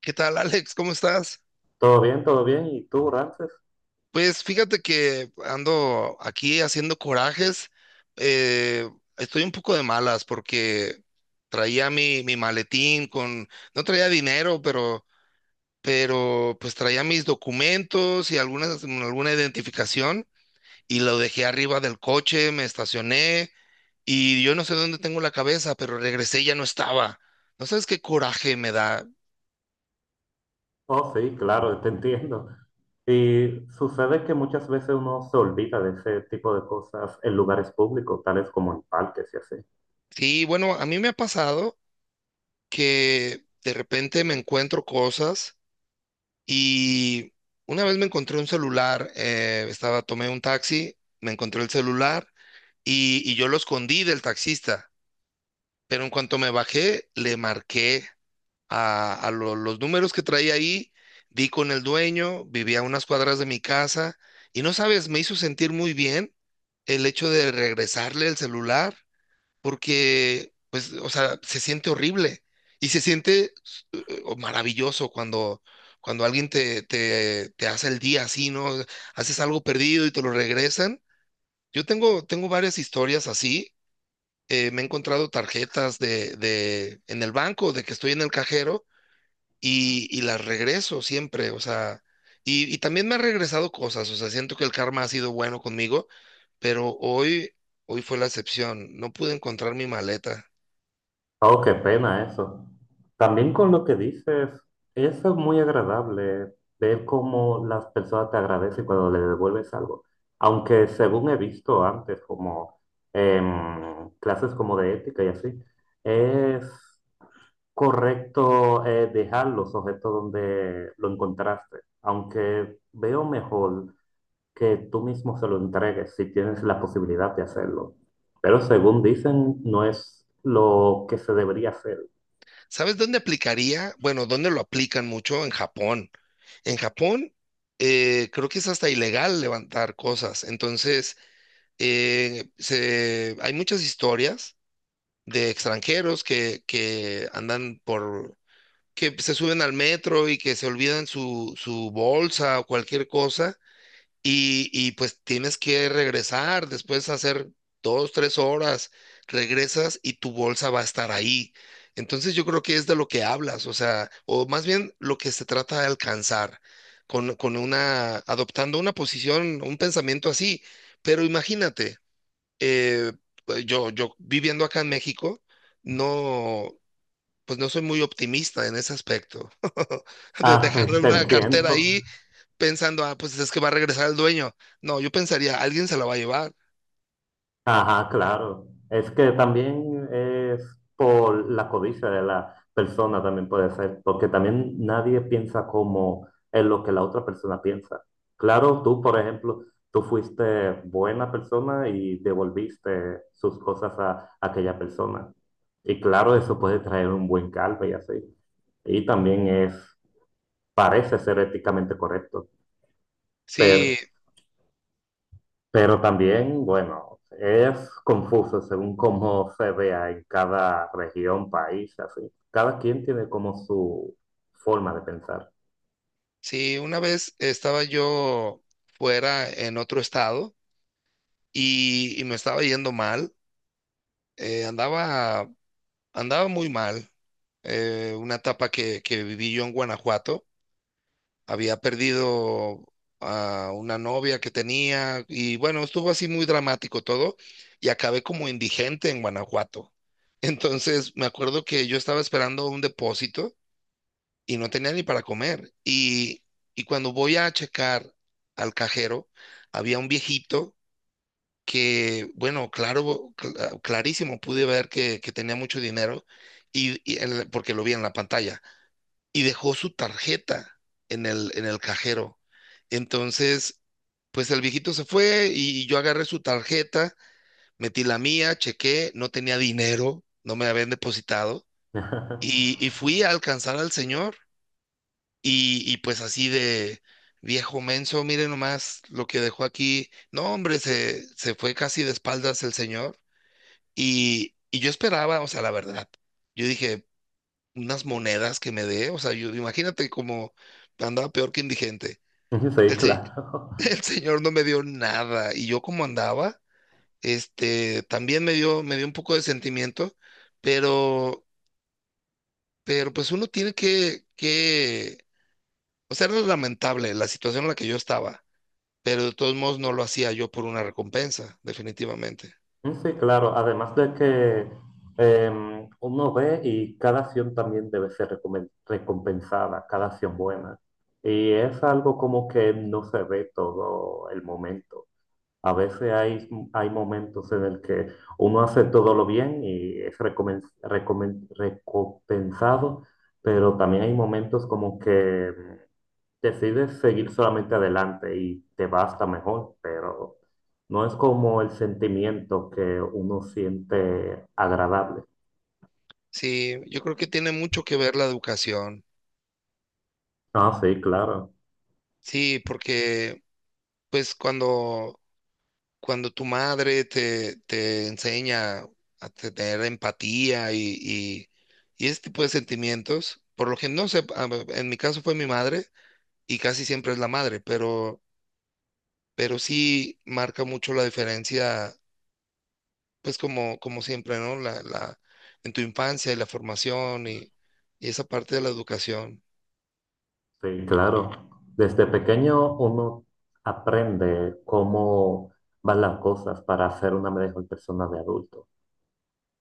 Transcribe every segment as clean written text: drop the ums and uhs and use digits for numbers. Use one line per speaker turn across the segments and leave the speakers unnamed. ¿Qué tal, Alex? ¿Cómo estás?
Todo bien, todo bien. ¿Y tú, Ramses?
Pues fíjate que ando aquí haciendo corajes. eh, Estoy un poco de malas porque traía mi maletín con, no traía dinero, pero pues traía mis documentos y alguna identificación y lo dejé arriba del coche, me estacioné y yo no sé dónde tengo la cabeza, pero regresé y ya no estaba. ¿No sabes qué coraje me da?
Oh, sí, claro, te entiendo. Y sucede que muchas veces uno se olvida de ese tipo de cosas en lugares públicos, tales como en parques y así.
Sí, bueno, a mí me ha pasado, que de repente me encuentro cosas y una vez me encontré un celular. Estaba, tomé un taxi, me encontré el celular y yo lo escondí del taxista, pero en cuanto me bajé, le marqué a los números que traía ahí, di con el dueño, vivía a unas cuadras de mi casa y no sabes, me hizo sentir muy bien el hecho de regresarle el celular porque, pues, o sea, se siente horrible y se siente maravilloso cuando, cuando alguien te hace el día así, ¿no? Haces algo perdido y te lo regresan. Yo tengo varias historias así. Me he encontrado tarjetas en el banco, de que estoy en el cajero y las regreso siempre. O sea, y también me ha regresado cosas, o sea, siento que el karma ha sido bueno conmigo, pero hoy fue la excepción. No pude encontrar mi maleta.
Oh, qué pena eso. También con lo que dices, eso es muy agradable, ver cómo las personas te agradecen cuando le devuelves algo. Aunque según he visto antes, como en clases como de ética y así, es correcto, dejar los objetos donde lo encontraste, aunque veo mejor que tú mismo se lo entregues si tienes la posibilidad de hacerlo. Pero según dicen, no es lo que se debería hacer.
¿Sabes dónde aplicaría? Bueno, ¿dónde lo aplican mucho? En Japón. En Japón, creo que es hasta ilegal levantar cosas. Entonces, hay muchas historias de extranjeros que andan por, que se suben al metro y que se olvidan su bolsa o cualquier cosa y pues tienes que regresar después de hacer dos, tres horas, regresas y tu bolsa va a estar ahí. Entonces yo creo que es de lo que hablas, o sea, o más bien lo que se trata de alcanzar con una, adoptando una posición, un pensamiento así. Pero imagínate, eh, pues, yo viviendo acá en México, no, pues no soy muy optimista en ese aspecto. De
Ah,
dejarle
te
una
entiendo.
cartera ahí pensando, ah, pues es que va a regresar el dueño. No, yo pensaría, alguien se la va a llevar.
Ajá, claro. Es que también es por la codicia de la persona, también puede ser, porque también nadie piensa como en lo que la otra persona piensa. Claro, tú, por ejemplo, tú fuiste buena persona y devolviste sus cosas a aquella persona. Y claro, eso puede traer un buen caldo y así. Y también es, parece ser éticamente correcto.
Sí,
Pero también, bueno, es confuso según cómo se vea en cada región, país, así. Cada quien tiene como su forma de pensar.
sí, una vez estaba yo fuera en otro estado y me estaba yendo mal, andaba, andaba muy mal. Una etapa que viví yo en Guanajuato, había perdido a una novia que tenía y bueno, estuvo así muy dramático todo y acabé como indigente en Guanajuato. Entonces me acuerdo que yo estaba esperando un depósito y no tenía ni para comer. Y cuando voy a checar al cajero, había un viejito que, bueno, claro, clarísimo, pude ver que tenía mucho dinero porque lo vi en la pantalla y dejó su tarjeta en en el cajero. Entonces, pues el viejito se fue y yo agarré su tarjeta, metí la mía, chequé, no tenía dinero, no me habían depositado y fui a alcanzar al señor y pues así de viejo menso, mire nomás lo que dejó aquí. No, hombre, se fue casi de espaldas el señor. Y yo esperaba, o sea, la verdad, yo dije, unas monedas que me dé, o sea, yo imagínate como andaba peor que indigente.
Sí,
El, se-
claro.
el señor no me dio nada y yo como andaba, este, también me dio un poco de sentimiento, pero, pero pues uno tiene o sea, era lamentable la situación en la que yo estaba, pero de todos modos no lo hacía yo por una recompensa, definitivamente.
Sí, claro. Además de que uno ve y cada acción también debe ser recompensada, cada acción buena. Y es algo como que no se ve todo el momento. A veces hay, hay momentos en el que uno hace todo lo bien y es recompensado, pero también hay momentos como que decides seguir solamente adelante y te va hasta mejor, pero no es como el sentimiento que uno siente agradable.
Sí, yo creo que tiene mucho que ver la educación.
Ah, sí, claro,
Sí, porque pues cuando, cuando tu madre te enseña a tener empatía y ese tipo de sentimientos, por lo que no sé, ver, en mi caso fue mi madre y casi siempre es la madre, pero sí marca mucho la diferencia pues como, como siempre, ¿no? En tu infancia y la formación y esa parte de la educación.
sí, claro. Desde pequeño uno aprende cómo van las cosas para ser una mejor persona de adulto.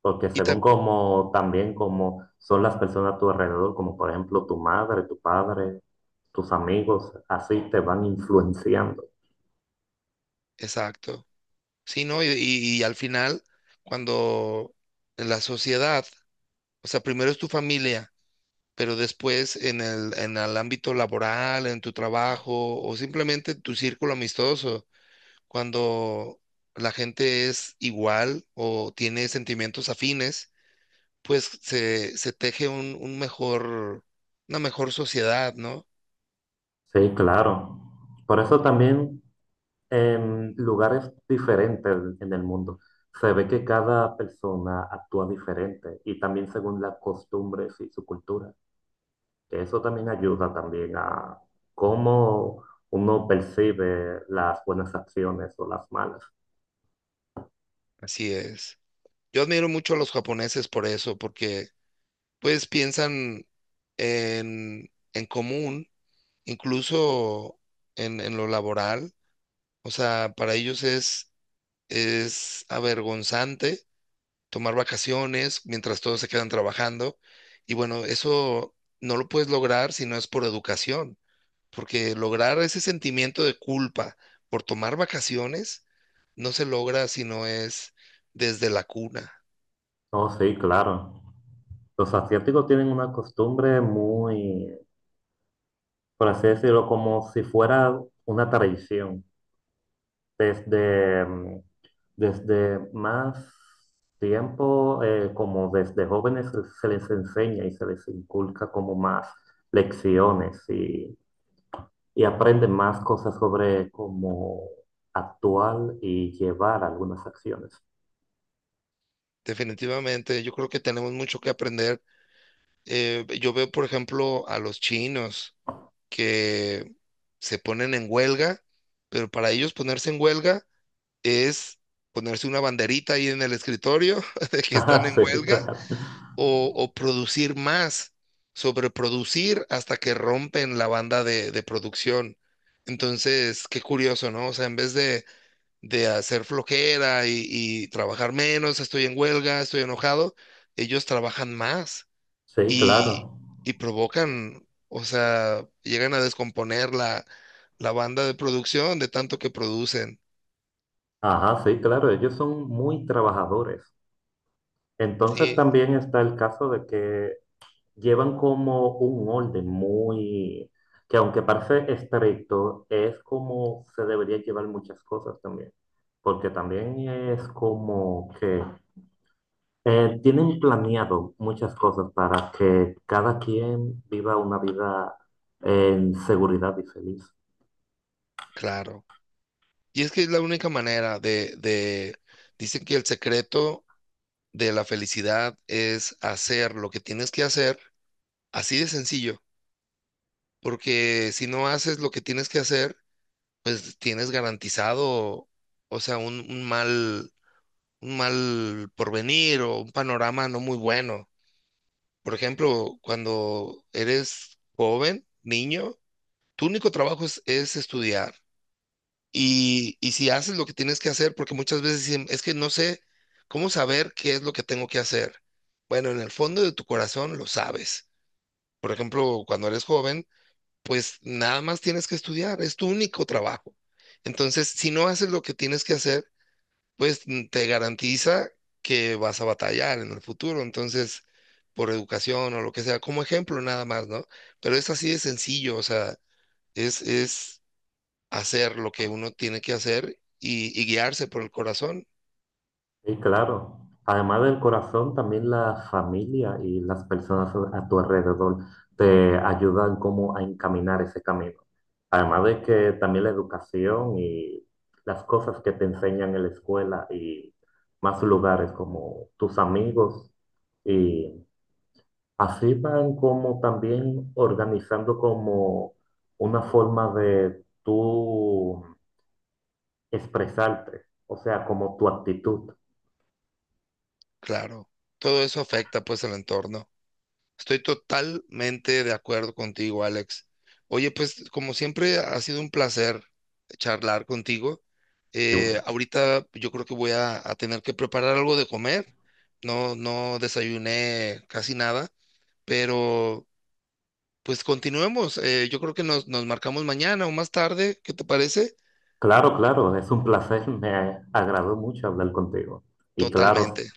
Porque
Y
según
ta-
como también como son las personas a tu alrededor, como por ejemplo tu madre, tu padre, tus amigos, así te van influenciando.
exacto. Sí, ¿no? Y al final, cuando en la sociedad, o sea, primero es tu familia, pero después en en el ámbito laboral, en tu trabajo o simplemente tu círculo amistoso, cuando la gente es igual o tiene sentimientos afines, pues se teje un mejor, una mejor sociedad, ¿no?
Sí, claro. Por eso también en lugares diferentes en el mundo se ve que cada persona actúa diferente y también según las costumbres y su cultura. Que eso también ayuda también a cómo uno percibe las buenas acciones o las malas.
Así es. Yo admiro mucho a los japoneses por eso, porque pues piensan en común, incluso en lo laboral. O sea, para ellos es avergonzante tomar vacaciones mientras todos se quedan trabajando. Y bueno, eso no lo puedes lograr si no es por educación, porque lograr ese sentimiento de culpa por tomar vacaciones no se logra si no es desde la cuna.
Oh, sí, claro. Los asiáticos tienen una costumbre muy, por así decirlo, como si fuera una tradición. Desde, desde más tiempo, como desde jóvenes se les enseña y se les inculca como más lecciones y aprenden más cosas sobre cómo actuar y llevar algunas acciones.
Definitivamente, yo creo que tenemos mucho que aprender. Yo veo, por ejemplo, a los chinos que se ponen en huelga, pero para ellos ponerse en huelga es ponerse una banderita ahí en el escritorio de que están
Ah,
en
sí,
huelga
claro.
o producir más, sobreproducir hasta que rompen la banda de producción. Entonces, qué curioso, ¿no? O sea, en vez de hacer flojera y trabajar menos, estoy en huelga, estoy enojado, ellos trabajan más
Sí,
y,
claro.
y provocan, o sea, llegan a descomponer la, la banda de producción de tanto que producen.
Ajá, sí, claro, ellos son muy trabajadores. Entonces
Sí,
también está el caso de que llevan como un orden muy, que aunque parece estricto, es como se debería llevar muchas cosas también, porque también es como que tienen planeado muchas cosas para que cada quien viva una vida en seguridad y feliz.
claro. Y es que es la única manera dicen que el secreto de la felicidad es hacer lo que tienes que hacer, así de sencillo, porque si no haces lo que tienes que hacer, pues tienes garantizado, o sea, un mal porvenir o un panorama no muy bueno. Por ejemplo, cuando eres joven, niño, tu único trabajo es estudiar. Y si haces lo que tienes que hacer, porque muchas veces dicen, es que no sé cómo saber qué es lo que tengo que hacer. Bueno, en el fondo de tu corazón lo sabes. Por ejemplo, cuando eres joven, pues nada más tienes que estudiar, es tu único trabajo. Entonces, si no haces lo que tienes que hacer, pues te garantiza que vas a batallar en el futuro. Entonces, por educación o lo que sea, como ejemplo nada más, ¿no? Pero es así de sencillo, o sea, es hacer lo que uno tiene que hacer y guiarse por el corazón,
Sí, claro. Además del corazón, también la familia y las personas a tu alrededor te ayudan como a encaminar ese camino. Además de que también la educación y las cosas que te enseñan en la escuela y más lugares como tus amigos y así van como también organizando como una forma de tú expresarte, o sea, como tu actitud.
claro. Todo eso afecta pues el entorno. Estoy totalmente de acuerdo contigo, Alex. Oye, pues como siempre ha sido un placer charlar contigo. Ahorita yo creo que voy a tener que preparar algo de comer. No, no desayuné casi nada, pero pues continuemos. Yo creo que nos marcamos mañana o más tarde. ¿Qué te parece?
Claro, claro, es un placer, me agradó mucho hablar contigo. Y claro,
Totalmente.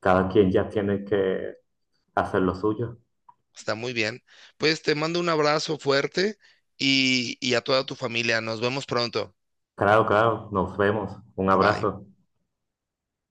cada quien ya tiene que hacer lo suyo.
Está muy bien. Pues te mando un abrazo fuerte y a toda tu familia. Nos vemos pronto.
Claro, claro, nos vemos. Un
Bye.
abrazo.